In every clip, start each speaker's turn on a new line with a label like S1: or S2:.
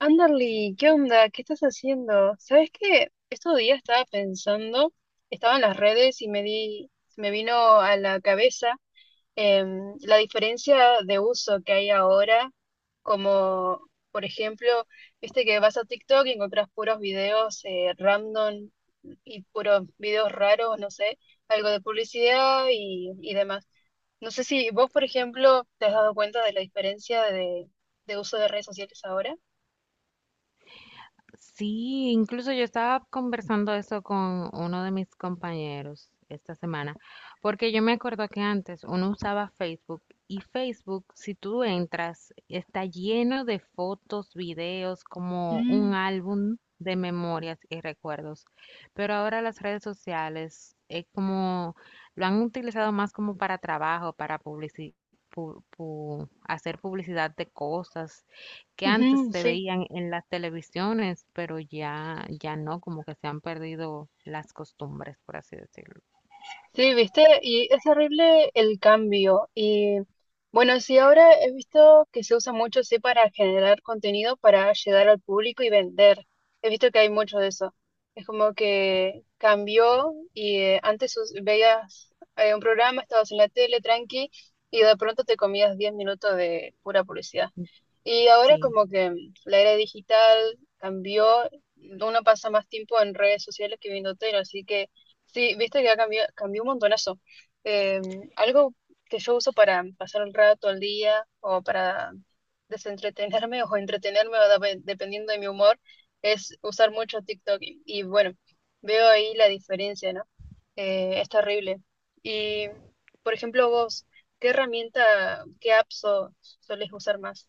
S1: Anderly, ¿qué onda? ¿Qué estás haciendo? ¿Sabes qué? Estos días estaba pensando, estaba en las redes y me di, me vino a la cabeza la diferencia de uso que hay ahora, como por ejemplo, viste que vas a TikTok y encontrás puros videos random y puros videos raros, no sé, algo de publicidad y demás. No sé si vos, por ejemplo, te has dado cuenta de la diferencia de uso de redes sociales ahora.
S2: Sí, incluso yo estaba conversando eso con uno de mis compañeros esta semana, porque yo me acuerdo que antes uno usaba Facebook y Facebook, si tú entras, está lleno de fotos, videos, como un álbum de memorias y recuerdos. Pero ahora las redes sociales es como lo han utilizado más como para trabajo, para hacer publicidad de cosas que antes
S1: Ujú,
S2: se
S1: sí,
S2: veían en las televisiones, pero ya, ya no, como que se han perdido las costumbres, por así decirlo.
S1: sí, viste, y es horrible el cambio. Y bueno, sí, ahora he visto que se usa mucho, sí, para generar contenido, para llegar al público y vender. He visto que hay mucho de eso. Es como que cambió y antes veías un programa, estabas en la tele tranqui y de pronto te comías 10 minutos de pura publicidad. Y ahora
S2: Sí,
S1: como que la era digital cambió, uno pasa más tiempo en redes sociales que viendo tele, así que sí, viste que ha cambiado, cambió un montonazo. Eh, Algo que yo uso para pasar el rato, el día, o para desentretenerme o entretenerme, o dependiendo de mi humor, es usar mucho TikTok. Y bueno, veo ahí la diferencia, ¿no? Es terrible. Y, por ejemplo, vos, ¿qué herramienta, qué apps solés usar más?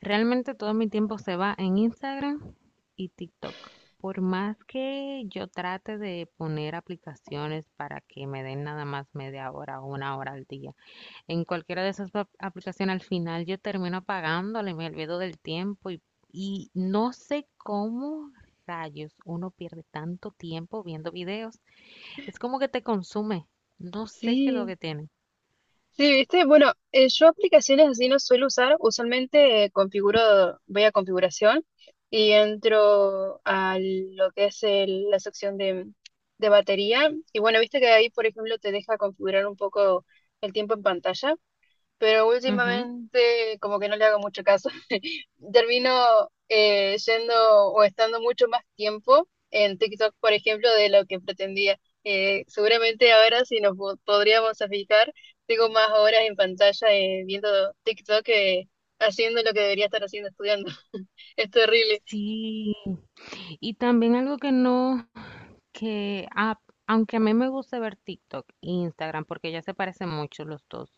S2: realmente todo mi tiempo se va en Instagram y TikTok. Por más que yo trate de poner aplicaciones para que me den nada más media hora o una hora al día, en cualquiera de esas aplicaciones al final yo termino apagándole, me olvido del tiempo y no sé cómo rayos uno pierde tanto tiempo viendo videos. Es como que te consume. No sé qué es lo
S1: Sí.
S2: que tiene.
S1: Sí, viste, bueno, yo aplicaciones así no suelo usar, usualmente configuro, voy a configuración y entro a lo que es la sección de batería. Y bueno, viste que ahí, por ejemplo, te deja configurar un poco el tiempo en pantalla, pero
S2: Ujú.
S1: últimamente como que no le hago mucho caso. Termino yendo o estando mucho más tiempo en TikTok, por ejemplo, de lo que pretendía. Seguramente ahora, si nos podríamos a fijar, tengo más horas en pantalla viendo TikTok que haciendo lo que debería estar haciendo, estudiando. Es terrible.
S2: Sí. Y también algo que no, que aunque a mí me gusta ver TikTok e Instagram, porque ya se parecen mucho los dos,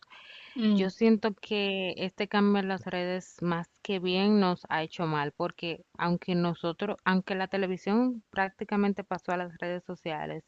S1: Mm,
S2: yo siento que este cambio en las redes más que bien nos ha hecho mal, porque aunque nosotros, aunque la televisión prácticamente pasó a las redes sociales,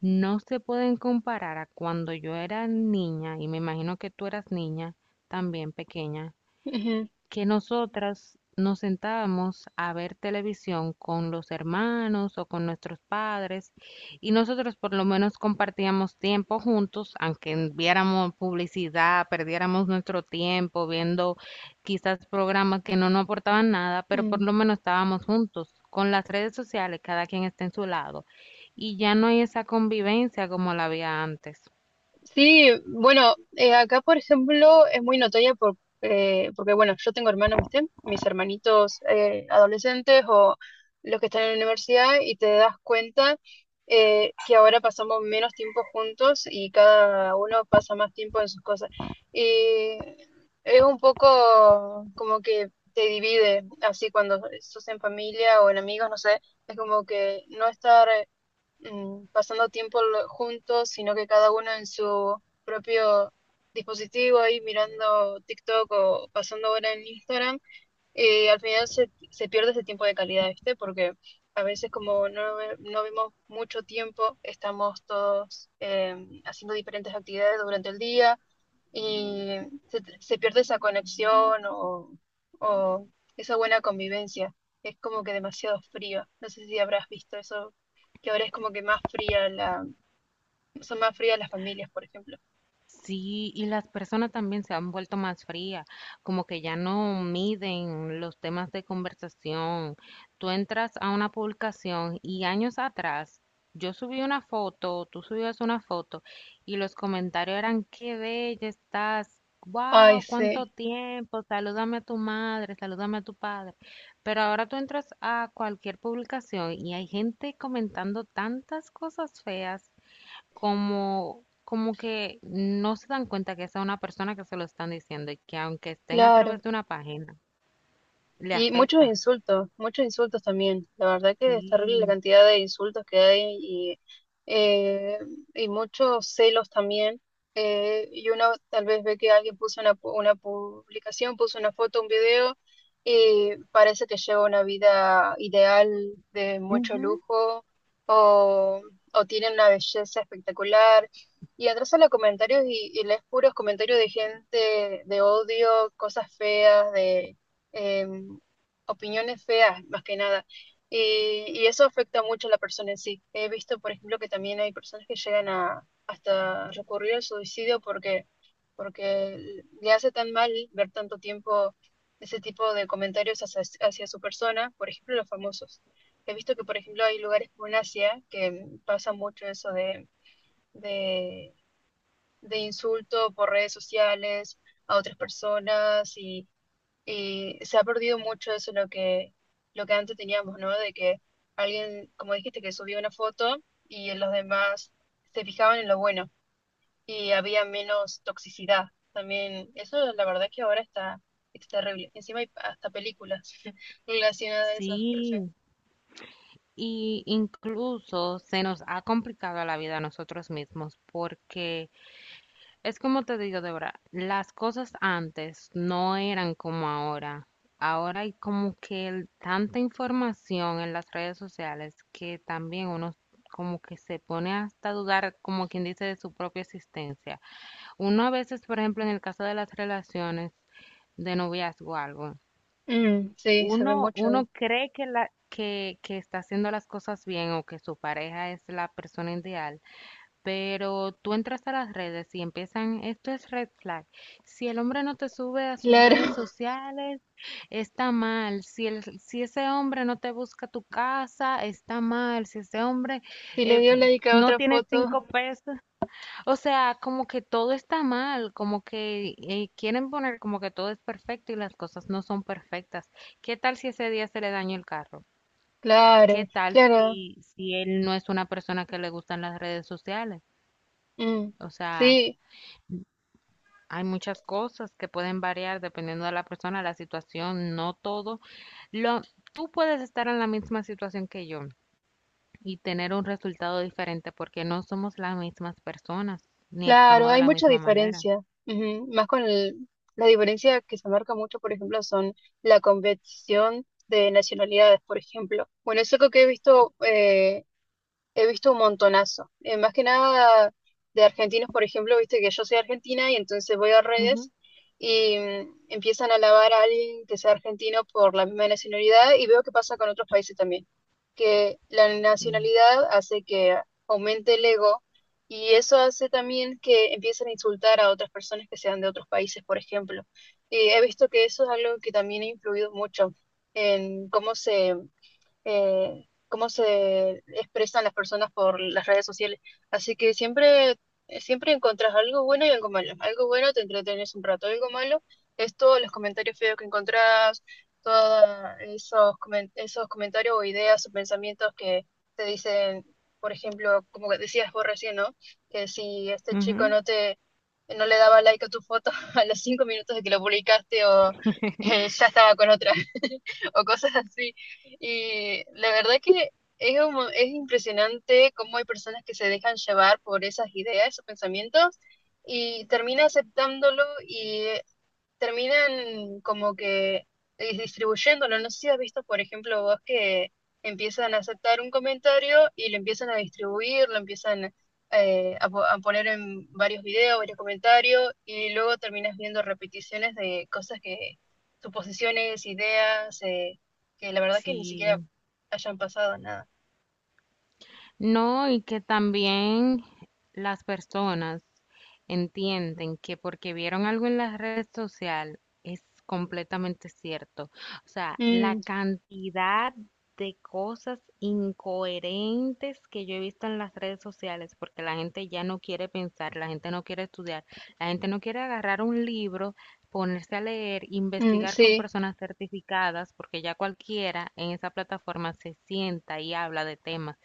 S2: no se pueden comparar a cuando yo era niña, y me imagino que tú eras niña también pequeña,
S1: ujú,
S2: que nosotras nos sentábamos a ver televisión con los hermanos o con nuestros padres y nosotros por lo menos compartíamos tiempo juntos, aunque viéramos publicidad, perdiéramos nuestro tiempo viendo quizás programas que no nos aportaban nada, pero por
S1: mm.
S2: lo menos estábamos juntos. Con las redes sociales, cada quien está en su lado y ya no hay esa convivencia como la había antes.
S1: Sí, bueno, acá por ejemplo es muy notoria por, porque bueno, yo tengo hermanos, ¿viste? Mis hermanitos adolescentes o los que están en la universidad, y te das cuenta que ahora pasamos menos tiempo juntos y cada uno pasa más tiempo en sus cosas. Y es un poco como que te divide, así cuando sos en familia o en amigos, no sé, es como que no estar pasando tiempo juntos, sino que cada uno en su propio dispositivo ahí mirando TikTok o pasando hora en Instagram, al final se pierde ese tiempo de calidad, ¿viste? Porque a veces como no, no vemos mucho tiempo, estamos todos haciendo diferentes actividades durante el día, y se pierde esa conexión o esa buena convivencia. Es como que demasiado fría. No sé si habrás visto eso, que ahora es como que más fría la, son más frías las familias, por ejemplo.
S2: Sí, y las personas también se han vuelto más frías, como que ya no miden los temas de conversación. Tú entras a una publicación y años atrás yo subí una foto, tú subías una foto y los comentarios eran, qué bella estás,
S1: Ay,
S2: wow, cuánto
S1: sí,
S2: tiempo, salúdame a tu madre, salúdame a tu padre. Pero ahora tú entras a cualquier publicación y hay gente comentando tantas cosas feas, como, como que no se dan cuenta que esa es una persona que se lo están diciendo y que aunque estén a través
S1: claro.
S2: de una página, le
S1: Y
S2: afecta.
S1: muchos insultos también. La verdad que es terrible la
S2: Sí,
S1: cantidad de insultos que hay eh, y muchos celos también. Y uno tal vez ve que alguien puso una, una publicación, puso una foto, un video, y parece que lleva una vida ideal de mucho
S2: ujú,
S1: lujo, o, o tiene una belleza espectacular. Y entras a los comentarios y lees puros comentarios de gente de odio, cosas feas, de... em, opiniones feas, más que nada. Y, y eso afecta mucho a la persona en sí. He visto, por ejemplo, que también hay personas que llegan a hasta recurrir al suicidio porque, porque le hace tan mal ver tanto tiempo ese tipo de comentarios hacia, hacia su persona, por ejemplo, los famosos. He visto que, por ejemplo, hay lugares como en Asia que pasa mucho eso de, de insulto por redes sociales a otras personas, y se ha perdido mucho eso lo que antes teníamos, ¿no? De que alguien, como dijiste, que subía una foto y los demás se fijaban en lo bueno y había menos toxicidad. También eso la verdad que ahora está, está terrible. Encima hay hasta películas relacionadas a eso. Re feo.
S2: sí. Y incluso se nos ha complicado la vida a nosotros mismos porque, es como te digo, Débora, las cosas antes no eran como ahora. Ahora hay como que tanta información en las redes sociales que también uno como que se pone hasta a dudar, como quien dice, de su propia existencia. Uno a veces, por ejemplo, en el caso de las relaciones de noviazgo o algo,
S1: Mm, sí, se ve
S2: uno,
S1: mucho ahí.
S2: uno cree que está haciendo las cosas bien o que su pareja es la persona ideal, pero tú entras a las redes y empiezan, esto es red flag. Si el hombre no te sube a sus
S1: Claro.
S2: redes sociales, está mal. Si el, si ese hombre no te busca tu casa, está mal. Si ese hombre
S1: Si le
S2: eh,
S1: dio like a
S2: no
S1: otra
S2: tiene
S1: foto,
S2: 5 pesos. O sea, como que todo está mal, como que quieren poner como que todo es perfecto y las cosas no son perfectas. ¿Qué tal si ese día se le dañó el carro?
S1: claro,
S2: ¿Qué tal
S1: claro.
S2: si, si él no es una persona que le gustan las redes sociales?
S1: Mm,
S2: O sea,
S1: sí,
S2: hay muchas cosas que pueden variar dependiendo de la persona, la situación, no todo. Lo, tú puedes estar en la misma situación que yo y tener un resultado diferente porque no somos las mismas personas ni
S1: claro,
S2: actuamos de
S1: hay
S2: la
S1: mucha
S2: misma manera.
S1: diferencia. Ujú. Más con la diferencia que se marca mucho, por ejemplo, son la competición de nacionalidades, por ejemplo. Bueno, es algo que he visto he visto un montonazo. Más que nada de argentinos, por ejemplo, viste que yo soy argentina y entonces voy a
S2: Ujú.
S1: redes y empiezan a alabar a alguien que sea argentino por la misma nacionalidad, y veo que pasa con otros países también, que la
S2: Mm.
S1: nacionalidad hace que aumente el ego, y eso hace también que empiecen a insultar a otras personas que sean de otros países, por ejemplo. Y he visto que eso es algo que también ha influido mucho en cómo se expresan las personas por las redes sociales. Así que siempre, siempre encontrás algo bueno y algo malo. Algo bueno te entretenes un rato, algo malo es todos los comentarios feos que encontrás, todos esos, esos comentarios o ideas o pensamientos que te dicen, por ejemplo, como que decías vos recién, ¿no? Que si este chico
S2: Ujú.
S1: no te... no le daba like a tu foto a los 5 minutos de que lo publicaste, o ya estaba con otra o cosas así. Y la verdad que es, es impresionante cómo hay personas que se dejan llevar por esas ideas, esos pensamientos, y termina aceptándolo, terminan como que distribuyéndolo. No sé si has visto, por ejemplo, vos, que empiezan a aceptar un comentario y lo empiezan a distribuir, lo empiezan a a poner en varios videos, varios comentarios, y luego terminas viendo repeticiones de cosas que, suposiciones, ideas, que la verdad que ni siquiera
S2: Sí.
S1: hayan pasado nada.
S2: No, y que también las personas entienden que porque vieron algo en la red social es completamente cierto. O sea, la
S1: Mm,
S2: cantidad de cosas incoherentes que yo he visto en las redes sociales, porque la gente ya no quiere pensar, la gente no quiere estudiar, la gente no quiere agarrar un libro, ponerse a leer,
S1: mm,
S2: investigar con
S1: sí,
S2: personas certificadas, porque ya cualquiera en esa plataforma se sienta y habla de temas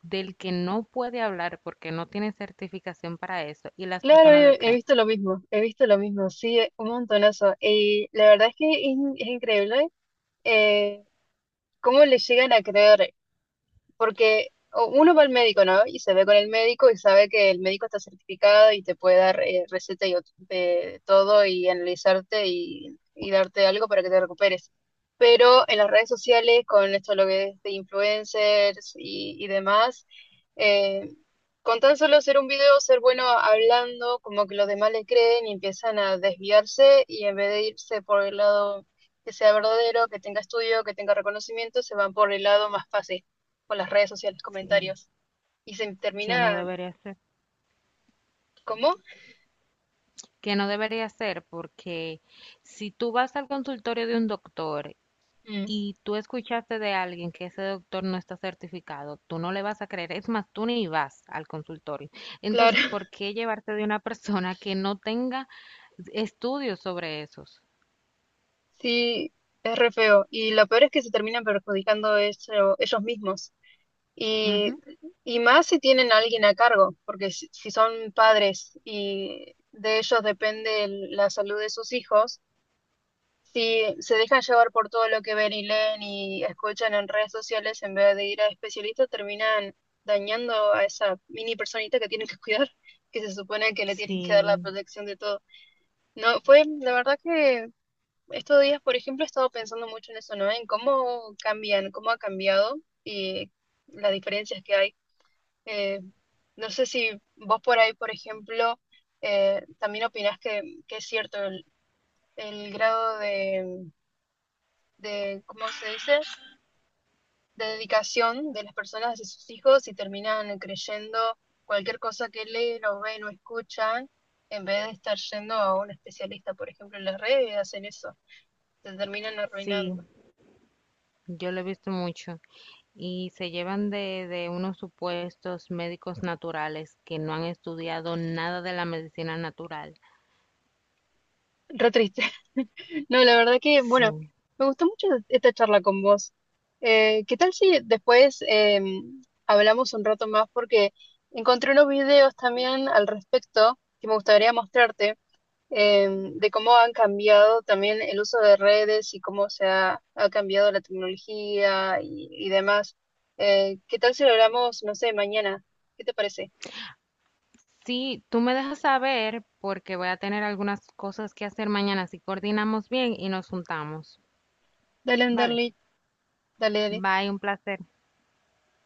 S2: del que no puede hablar porque no tiene certificación para eso y las
S1: claro,
S2: personas le
S1: he, he
S2: creen.
S1: visto lo mismo, he visto lo mismo, sí, un montonazo. Y la verdad es que es, es increíble. ¿Cómo le llegan a creer? Porque uno va al médico, ¿no? Y se ve con el médico y sabe que el médico está certificado y te puede dar receta y de todo y analizarte y darte algo para que te recuperes. Pero en las redes sociales, con esto lo que es de influencers y demás, eh, con tan solo hacer un video, ser bueno hablando, como que los demás le creen y empiezan a desviarse y en vez de irse por el lado que sea verdadero, que tenga estudio, que tenga reconocimiento, se van por el lado más fácil con las redes sociales,
S2: Sí,
S1: comentarios. Y se
S2: que no
S1: termina,
S2: debería ser.
S1: ¿cómo?
S2: Que no debería ser, porque si tú vas al consultorio de un doctor
S1: Mm,
S2: y tú escuchaste de alguien que ese doctor no está certificado, tú no le vas a creer, es más, tú ni vas al consultorio.
S1: claro.
S2: Entonces, ¿por qué llevarte de una persona que no tenga estudios sobre esos?
S1: Sí, es re feo. Y lo peor es que se terminan perjudicando ellos mismos. Y,
S2: Ujú.
S1: y más si tienen a alguien a cargo, porque si, si son padres y de ellos depende la salud de sus hijos, si se dejan llevar por todo lo que ven y leen y escuchan en redes sociales, en vez de ir a especialistas, terminan dañando a esa mini personita que tienen que cuidar, que se supone que le tienen que dar la
S2: Sí,
S1: protección de todo. No, fue, la verdad que estos días, por ejemplo, he estado pensando mucho en eso, ¿no? En cómo cambian, cómo ha cambiado y las diferencias que hay. Eh, no sé si vos por ahí, por ejemplo, también opinás que es cierto el grado de, ¿cómo se dice? De dedicación de las personas hacia sus hijos y terminan creyendo cualquier cosa que leen o ven o escuchan, en vez de estar yendo a un especialista, por ejemplo, en las redes hacen eso, se terminan
S2: sí.
S1: arruinando.
S2: Yo lo he visto mucho. Y se llevan de unos supuestos médicos naturales que no han estudiado nada de la medicina natural.
S1: Re triste. No, la verdad que, bueno,
S2: Sí.
S1: me gustó mucho esta charla con vos. ¿Qué tal si después hablamos un rato más? Porque encontré unos videos también al respecto que me gustaría mostrarte. De cómo han cambiado también el uso de redes y cómo se ha, ha cambiado la tecnología y demás. ¿Qué tal si lo hablamos, no sé, mañana? ¿Qué te parece?
S2: Sí, tú me dejas saber porque voy a tener algunas cosas que hacer mañana. Si coordinamos bien y nos juntamos.
S1: Dale,
S2: Vale.
S1: Anderly, dale, dale.
S2: Bye, un placer.